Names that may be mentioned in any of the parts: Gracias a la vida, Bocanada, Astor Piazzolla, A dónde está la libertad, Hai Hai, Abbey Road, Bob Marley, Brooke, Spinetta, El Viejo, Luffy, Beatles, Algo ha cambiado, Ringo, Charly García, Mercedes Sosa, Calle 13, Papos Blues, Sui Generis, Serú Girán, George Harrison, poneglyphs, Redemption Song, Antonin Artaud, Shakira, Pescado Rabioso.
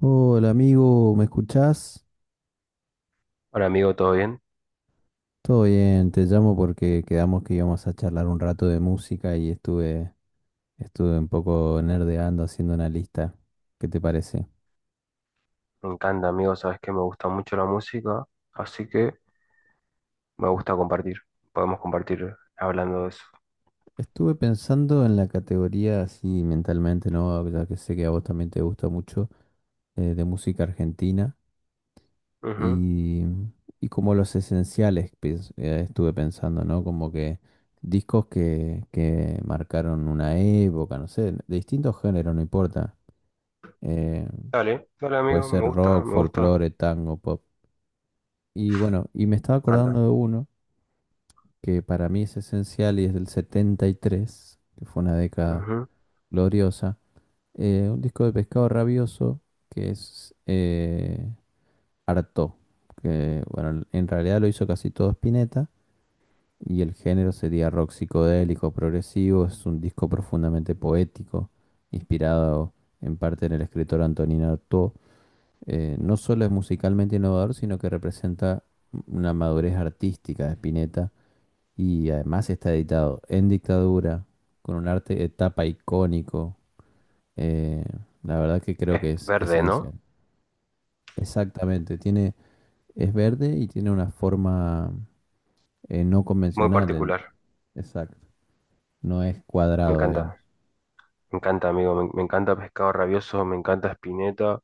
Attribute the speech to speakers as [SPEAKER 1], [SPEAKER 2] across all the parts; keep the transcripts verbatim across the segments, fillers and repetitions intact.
[SPEAKER 1] Hola amigo, ¿me escuchás?
[SPEAKER 2] Hola amigo, ¿todo bien?
[SPEAKER 1] Todo bien, te llamo porque quedamos que íbamos a charlar un rato de música y estuve, estuve un poco nerdeando haciendo una lista. ¿Qué te parece?
[SPEAKER 2] Me encanta amigo, sabes que me gusta mucho la música, así que me gusta compartir. Podemos compartir hablando de eso.
[SPEAKER 1] Estuve pensando en la categoría así mentalmente, ¿no? Ya que sé que a vos también te gusta mucho eh, de música argentina
[SPEAKER 2] Ujú.
[SPEAKER 1] y, y como los esenciales pens- eh, estuve pensando, ¿no? Como que discos que, que marcaron una época, no sé, de distintos géneros, no importa. Eh,
[SPEAKER 2] Dale, dale
[SPEAKER 1] puede
[SPEAKER 2] amigo, me
[SPEAKER 1] ser
[SPEAKER 2] gusta,
[SPEAKER 1] rock,
[SPEAKER 2] me gusta,
[SPEAKER 1] folclore, tango, pop. Y bueno, y me estaba
[SPEAKER 2] me encanta.
[SPEAKER 1] acordando de uno que para mí es esencial y es del setenta y tres que fue una década
[SPEAKER 2] Ujú.
[SPEAKER 1] gloriosa. eh, un disco de Pescado Rabioso que es eh, Artaud, que bueno, en realidad lo hizo casi todo Spinetta y el género sería rock psicodélico progresivo. Es un disco profundamente poético, inspirado en parte en el escritor Antonin Artaud eh, No solo es musicalmente innovador, sino que representa una madurez artística de Spinetta y además está editado en dictadura, con un arte de tapa icónico. eh, la verdad que creo
[SPEAKER 2] Es
[SPEAKER 1] que es
[SPEAKER 2] verde,
[SPEAKER 1] esencial.
[SPEAKER 2] ¿no?
[SPEAKER 1] Exactamente, tiene, es verde y tiene una forma eh, no
[SPEAKER 2] Muy
[SPEAKER 1] convencional, el-
[SPEAKER 2] particular,
[SPEAKER 1] exacto, no es
[SPEAKER 2] me
[SPEAKER 1] cuadrado, digamos.
[SPEAKER 2] encanta, me encanta amigo, me, me encanta Pescado Rabioso, me encanta Spinetta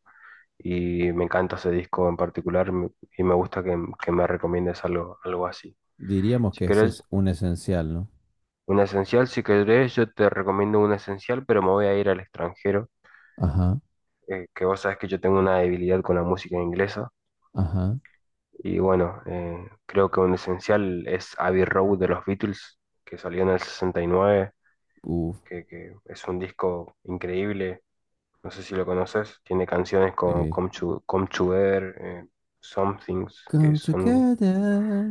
[SPEAKER 2] y me encanta ese disco en particular me- y me gusta que, que me recomiendes algo, algo así.
[SPEAKER 1] Diríamos
[SPEAKER 2] Si
[SPEAKER 1] que ese
[SPEAKER 2] querés
[SPEAKER 1] es un esencial, ¿no?
[SPEAKER 2] un esencial, si querés yo te recomiendo un esencial, pero me voy a ir al extranjero
[SPEAKER 1] Ajá,
[SPEAKER 2] eh, que vos sabés que yo tengo una debilidad con la música inglesa.
[SPEAKER 1] ajá,
[SPEAKER 2] Y bueno, eh, creo que un esencial es Abbey Road de los Beatles, que salió en el sesenta y nueve,
[SPEAKER 1] uff.
[SPEAKER 2] que, que es un disco increíble. No sé si lo conoces. Tiene canciones como Come to, Come to eh, Some Things, que
[SPEAKER 1] Come
[SPEAKER 2] son
[SPEAKER 1] together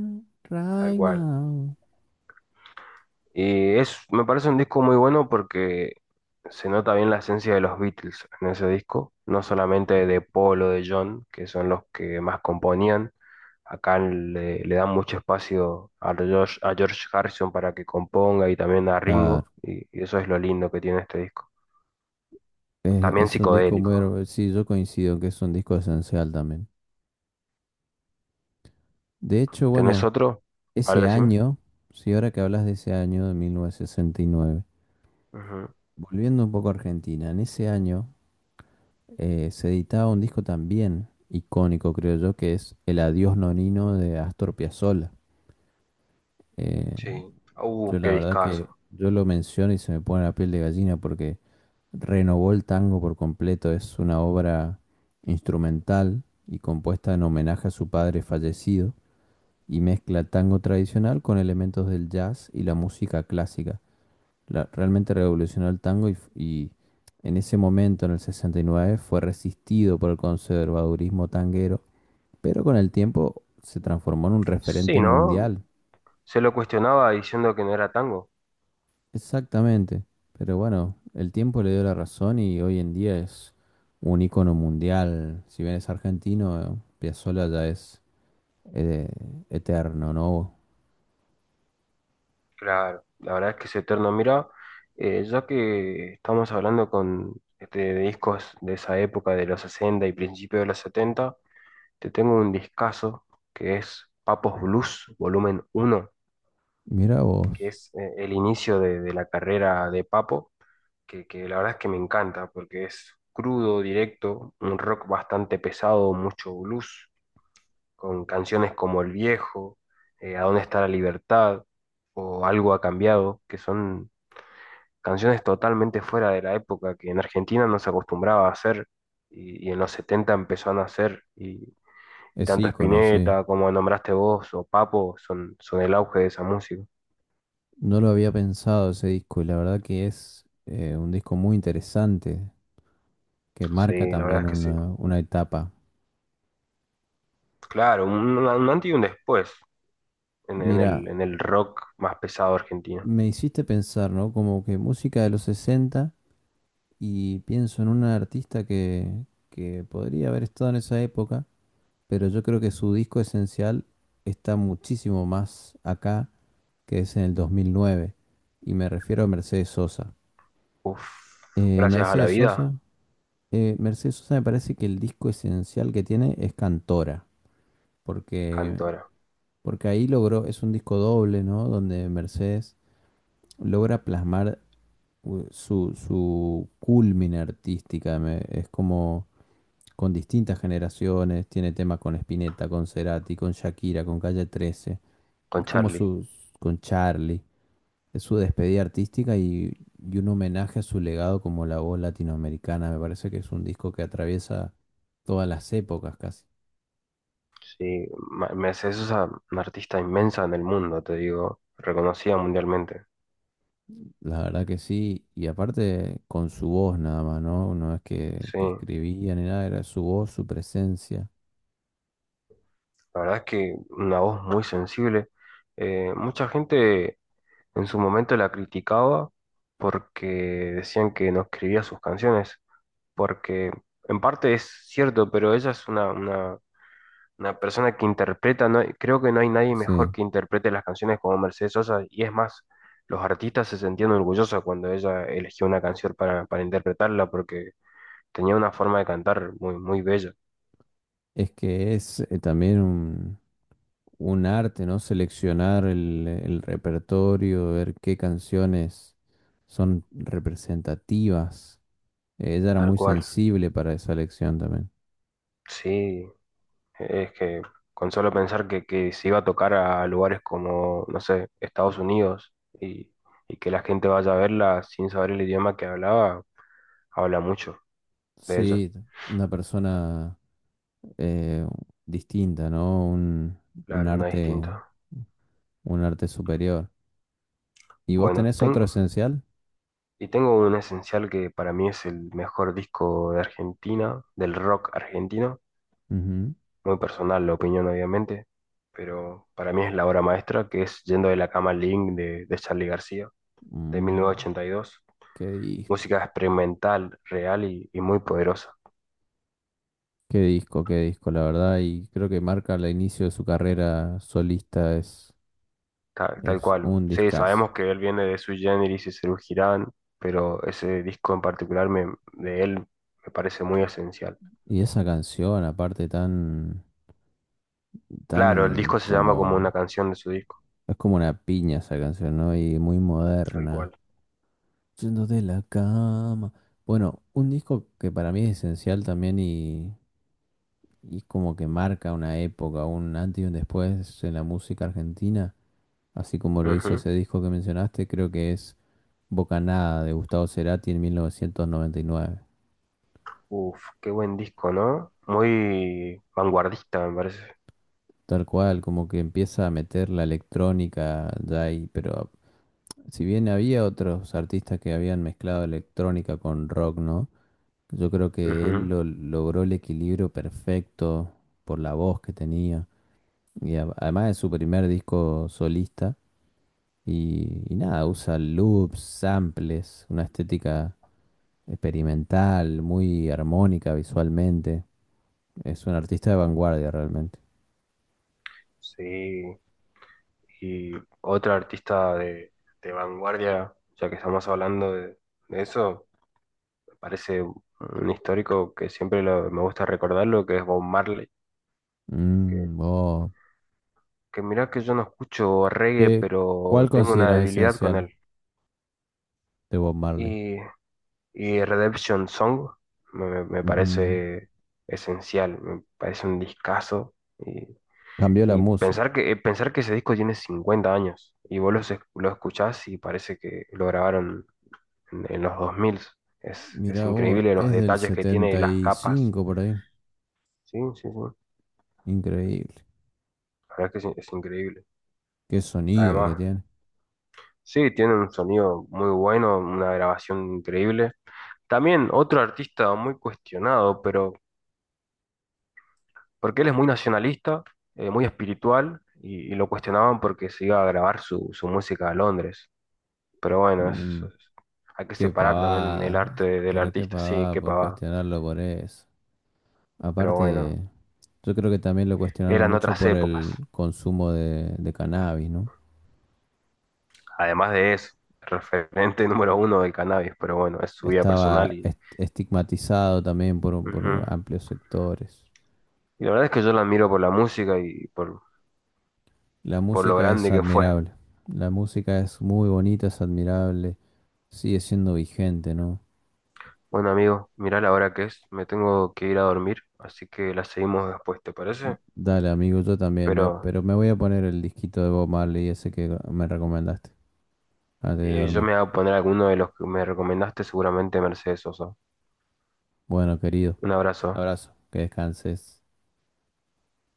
[SPEAKER 2] tal
[SPEAKER 1] right
[SPEAKER 2] cual.
[SPEAKER 1] now.
[SPEAKER 2] Y es, me parece un disco muy bueno porque se nota bien la esencia de los Beatles en ese disco, no solamente de Paul o de John, que son los que más componían. Acá le, le dan mucho espacio a George, a George Harrison para que componga y también a
[SPEAKER 1] Claro,
[SPEAKER 2] Ringo, y, y eso es lo lindo que tiene este disco.
[SPEAKER 1] es,
[SPEAKER 2] También
[SPEAKER 1] es un disco muy
[SPEAKER 2] psicodélico.
[SPEAKER 1] hermoso. Sí, yo coincido que es un disco esencial también. De hecho,
[SPEAKER 2] ¿Tenés
[SPEAKER 1] bueno,
[SPEAKER 2] otro? A ver,
[SPEAKER 1] ese
[SPEAKER 2] decime.
[SPEAKER 1] año, si ahora que hablas de ese año de mil novecientos sesenta y nueve,
[SPEAKER 2] Ujú.
[SPEAKER 1] volviendo un poco a Argentina, en ese año eh, se editaba un disco también icónico, creo yo, que es El Adiós Nonino de Astor Piazzolla. Eh,
[SPEAKER 2] Sí.
[SPEAKER 1] Yo
[SPEAKER 2] Uh, qué
[SPEAKER 1] la verdad que
[SPEAKER 2] discazo.
[SPEAKER 1] yo lo menciono y se me pone la piel de gallina porque renovó el tango por completo. Es una obra instrumental y compuesta en homenaje a su padre fallecido y mezcla el tango tradicional con elementos del jazz y la música clásica. La- realmente revolucionó el tango y, f- y en ese momento, en el sesenta y nueve, fue resistido por el conservadurismo tanguero, pero con el tiempo se transformó en un
[SPEAKER 2] Sí,
[SPEAKER 1] referente
[SPEAKER 2] ¿no?
[SPEAKER 1] mundial.
[SPEAKER 2] Se lo cuestionaba diciendo que no era tango.
[SPEAKER 1] Exactamente, pero bueno, el tiempo le dio la razón y hoy en día es un ícono mundial. Si bien es argentino, eh, Piazzolla ya es eh, eterno, ¿no?
[SPEAKER 2] Claro, la verdad es que es eterno. Mira, eh, ya que estamos hablando con este, de discos de esa época, de los sesenta y principios de los setenta te tengo un discazo que es Papos Blues, volumen uno,
[SPEAKER 1] Mira
[SPEAKER 2] que
[SPEAKER 1] vos,
[SPEAKER 2] es eh, el inicio de, de la carrera de Papo, que, que la verdad es que me encanta porque es crudo, directo, un rock bastante pesado, mucho blues, con canciones como El Viejo, eh, A dónde está la libertad o Algo ha cambiado, que son canciones totalmente fuera de la época que en Argentina no se acostumbraba a hacer y, y en los setenta empezó a nacer y y
[SPEAKER 1] es
[SPEAKER 2] tanto
[SPEAKER 1] ícono, sí.
[SPEAKER 2] Spinetta como nombraste vos o Papo son, son el auge de esa música.
[SPEAKER 1] No lo había pensado ese disco y la verdad que es eh, un disco muy interesante que marca
[SPEAKER 2] Sí, la verdad
[SPEAKER 1] también
[SPEAKER 2] es que sí.
[SPEAKER 1] una, una etapa.
[SPEAKER 2] Claro, un, un antes y un después en, en el,
[SPEAKER 1] Mira,
[SPEAKER 2] en el rock más pesado argentino.
[SPEAKER 1] me hiciste pensar, ¿no? Como que música de los sesenta y pienso en una artista que, que podría haber estado en esa época pero yo creo que su disco esencial está muchísimo más acá que es en el dos mil nueve, y me refiero a Mercedes Sosa.
[SPEAKER 2] Uf,
[SPEAKER 1] Eh,
[SPEAKER 2] gracias a la
[SPEAKER 1] Mercedes
[SPEAKER 2] vida.
[SPEAKER 1] Sosa, eh, Mercedes Sosa me parece que el disco esencial que tiene es Cantora, porque,
[SPEAKER 2] Cantora,
[SPEAKER 1] porque ahí logró, es un disco doble, ¿no? Donde Mercedes logra plasmar u- su, su culmina artística, me- es como con distintas generaciones, tiene temas con Spinetta, con Cerati, con Shakira, con Calle trece.
[SPEAKER 2] con
[SPEAKER 1] Es como
[SPEAKER 2] Charlie.
[SPEAKER 1] sus, con Charlie. Es su despedida artística y, y un homenaje a su legado como la voz latinoamericana. Me parece que es un disco que atraviesa todas las épocas casi.
[SPEAKER 2] Sí, Ma- Mercedes Sosa, una artista inmensa en el mundo, te digo, reconocida mundialmente.
[SPEAKER 1] La verdad que sí. Y aparte con su voz nada más, ¿no? No es que,
[SPEAKER 2] Sí,
[SPEAKER 1] que
[SPEAKER 2] la
[SPEAKER 1] escribía ni nada, era su voz, su presencia.
[SPEAKER 2] verdad es que una voz muy sensible. Eh, mucha gente en su momento la criticaba porque decían que no escribía sus canciones, porque en parte es cierto, pero ella es una, una, una persona que interpreta, no, hay- creo que no hay nadie mejor
[SPEAKER 1] Sí.
[SPEAKER 2] que interprete las canciones como Mercedes Sosa, y es más, los artistas se sentían orgullosos cuando ella eligió una canción para, para interpretarla, porque tenía una forma de cantar muy, muy bella,
[SPEAKER 1] Es que es eh, también un, un arte, ¿no? Seleccionar el, el repertorio, ver qué canciones son representativas Eh, Ella era
[SPEAKER 2] tal
[SPEAKER 1] muy
[SPEAKER 2] cual.
[SPEAKER 1] sensible para esa elección también.
[SPEAKER 2] Sí. Es que con solo pensar que, que se iba a tocar a lugares como, no sé, Estados Unidos y, y que la gente vaya a verla sin saber el idioma que hablaba, habla mucho de ella.
[SPEAKER 1] Sí, una persona eh, distinta, ¿no? Un, un
[SPEAKER 2] Claro, una
[SPEAKER 1] arte,
[SPEAKER 2] distinta.
[SPEAKER 1] un arte superior. ¿Y vos
[SPEAKER 2] Bueno,
[SPEAKER 1] tenés otro
[SPEAKER 2] tengo,
[SPEAKER 1] esencial?
[SPEAKER 2] y tengo un esencial que para mí es el mejor disco de Argentina, del rock argentino.
[SPEAKER 1] Ujú.
[SPEAKER 2] Muy personal la opinión, obviamente, pero para mí es la obra maestra que es Yendo de la cama al living de, de Charly García, de
[SPEAKER 1] Mm,
[SPEAKER 2] mil novecientos ochenta y dos.
[SPEAKER 1] qué disco,
[SPEAKER 2] Música experimental, real y, y muy poderosa,
[SPEAKER 1] qué disco, qué disco, la verdad. Y creo que marca el inicio de su carrera solista, es,
[SPEAKER 2] tal, tal
[SPEAKER 1] es
[SPEAKER 2] cual.
[SPEAKER 1] un
[SPEAKER 2] Sí,
[SPEAKER 1] discazo.
[SPEAKER 2] sabemos que él viene de Sui Generis y Serú Girán, pero ese disco en particular me- de él me parece muy esencial.
[SPEAKER 1] Y esa canción, aparte, tan, tan
[SPEAKER 2] Claro, el disco se llama
[SPEAKER 1] como.
[SPEAKER 2] como una canción de su disco,
[SPEAKER 1] Es como una piña esa canción, ¿no? Y muy
[SPEAKER 2] tal
[SPEAKER 1] moderna.
[SPEAKER 2] cual.
[SPEAKER 1] Yendo de la cama. Bueno, un disco que para mí es esencial también y, y como que marca una época, un antes y un después en la música argentina, así como lo hizo
[SPEAKER 2] Ujú.
[SPEAKER 1] ese disco que mencionaste, creo que es Bocanada de Gustavo Cerati en mil novecientos noventa y nueve.
[SPEAKER 2] Uf, qué buen disco, ¿no? Muy vanguardista, me parece.
[SPEAKER 1] Tal cual, como que empieza a meter la electrónica ya ahí, pero si bien había otros artistas que habían mezclado electrónica con rock, ¿no? Pues yo creo que él
[SPEAKER 2] Ujú.
[SPEAKER 1] lo- logró el equilibrio perfecto por la voz que tenía. Y a- además es su primer disco solista. Y, y nada, usa loops, samples, una estética experimental, muy armónica visualmente. Es un artista de vanguardia realmente.
[SPEAKER 2] Sí, y otra artista de, de vanguardia, ya que estamos hablando de, de eso, parece un histórico que siempre lo- me gusta recordarlo, que es Bob Marley, que,
[SPEAKER 1] Mm, vos,
[SPEAKER 2] que mirá que yo no escucho reggae,
[SPEAKER 1] ¿qué-
[SPEAKER 2] pero
[SPEAKER 1] cuál
[SPEAKER 2] tengo una
[SPEAKER 1] consideras
[SPEAKER 2] debilidad con
[SPEAKER 1] esencial
[SPEAKER 2] él.
[SPEAKER 1] de Bob Marley?
[SPEAKER 2] Y, y Redemption Song me, me me
[SPEAKER 1] Ujú.
[SPEAKER 2] parece esencial, me parece un discazo. Y,
[SPEAKER 1] Cambió la
[SPEAKER 2] y
[SPEAKER 1] música.
[SPEAKER 2] pensar que, eh, pensar que ese disco tiene cincuenta años y vos lo, lo escuchás y parece que lo grabaron en, en los dos mil. Es, es
[SPEAKER 1] Mirá vos,
[SPEAKER 2] increíble los
[SPEAKER 1] es del
[SPEAKER 2] detalles que tiene,
[SPEAKER 1] setenta
[SPEAKER 2] las
[SPEAKER 1] y
[SPEAKER 2] capas.
[SPEAKER 1] cinco por ahí.
[SPEAKER 2] Sí, sí, sí.
[SPEAKER 1] Increíble.
[SPEAKER 2] La verdad es que es, es increíble.
[SPEAKER 1] Qué sonido que
[SPEAKER 2] Además,
[SPEAKER 1] tiene.
[SPEAKER 2] sí, tiene un sonido muy bueno, una grabación increíble. También otro artista muy cuestionado, pero porque él es muy nacionalista, eh, muy espiritual, y, y lo cuestionaban porque se iba a grabar su, su música a Londres. Pero bueno, es-
[SPEAKER 1] Mm,
[SPEAKER 2] es- hay que
[SPEAKER 1] qué
[SPEAKER 2] separar también el
[SPEAKER 1] pavada.
[SPEAKER 2] arte de- del
[SPEAKER 1] Pero qué
[SPEAKER 2] artista, sí,
[SPEAKER 1] pavada
[SPEAKER 2] qué
[SPEAKER 1] por
[SPEAKER 2] pavada.
[SPEAKER 1] cuestionarlo por eso.
[SPEAKER 2] Pero bueno,
[SPEAKER 1] Aparte, yo creo que también lo cuestionaron
[SPEAKER 2] eran
[SPEAKER 1] mucho
[SPEAKER 2] otras
[SPEAKER 1] por
[SPEAKER 2] épocas.
[SPEAKER 1] el consumo de, de cannabis, ¿no?
[SPEAKER 2] Además de eso, referente número uno del cannabis, pero bueno, es su vida
[SPEAKER 1] Estaba
[SPEAKER 2] personal y...
[SPEAKER 1] est- estigmatizado también por, un- por
[SPEAKER 2] ujú.
[SPEAKER 1] amplios sectores.
[SPEAKER 2] Y la verdad es que yo la admiro por la música y por,
[SPEAKER 1] La
[SPEAKER 2] por lo
[SPEAKER 1] música es
[SPEAKER 2] grande que fue.
[SPEAKER 1] admirable. La música es muy bonita, es admirable. Sigue siendo vigente, ¿no?
[SPEAKER 2] Bueno, amigo, mirá la hora que es, me tengo que ir a dormir, así que la seguimos después, ¿te parece?
[SPEAKER 1] Dale, amigo, yo también,
[SPEAKER 2] Pero
[SPEAKER 1] me- pero me voy a poner el disquito de Bob Marley, ese que me recomendaste, antes de
[SPEAKER 2] eh, yo
[SPEAKER 1] dormir.
[SPEAKER 2] me voy a poner alguno de los que me recomendaste, seguramente Mercedes Sosa.
[SPEAKER 1] Bueno, querido,
[SPEAKER 2] Un
[SPEAKER 1] un
[SPEAKER 2] abrazo.
[SPEAKER 1] abrazo, que descanses.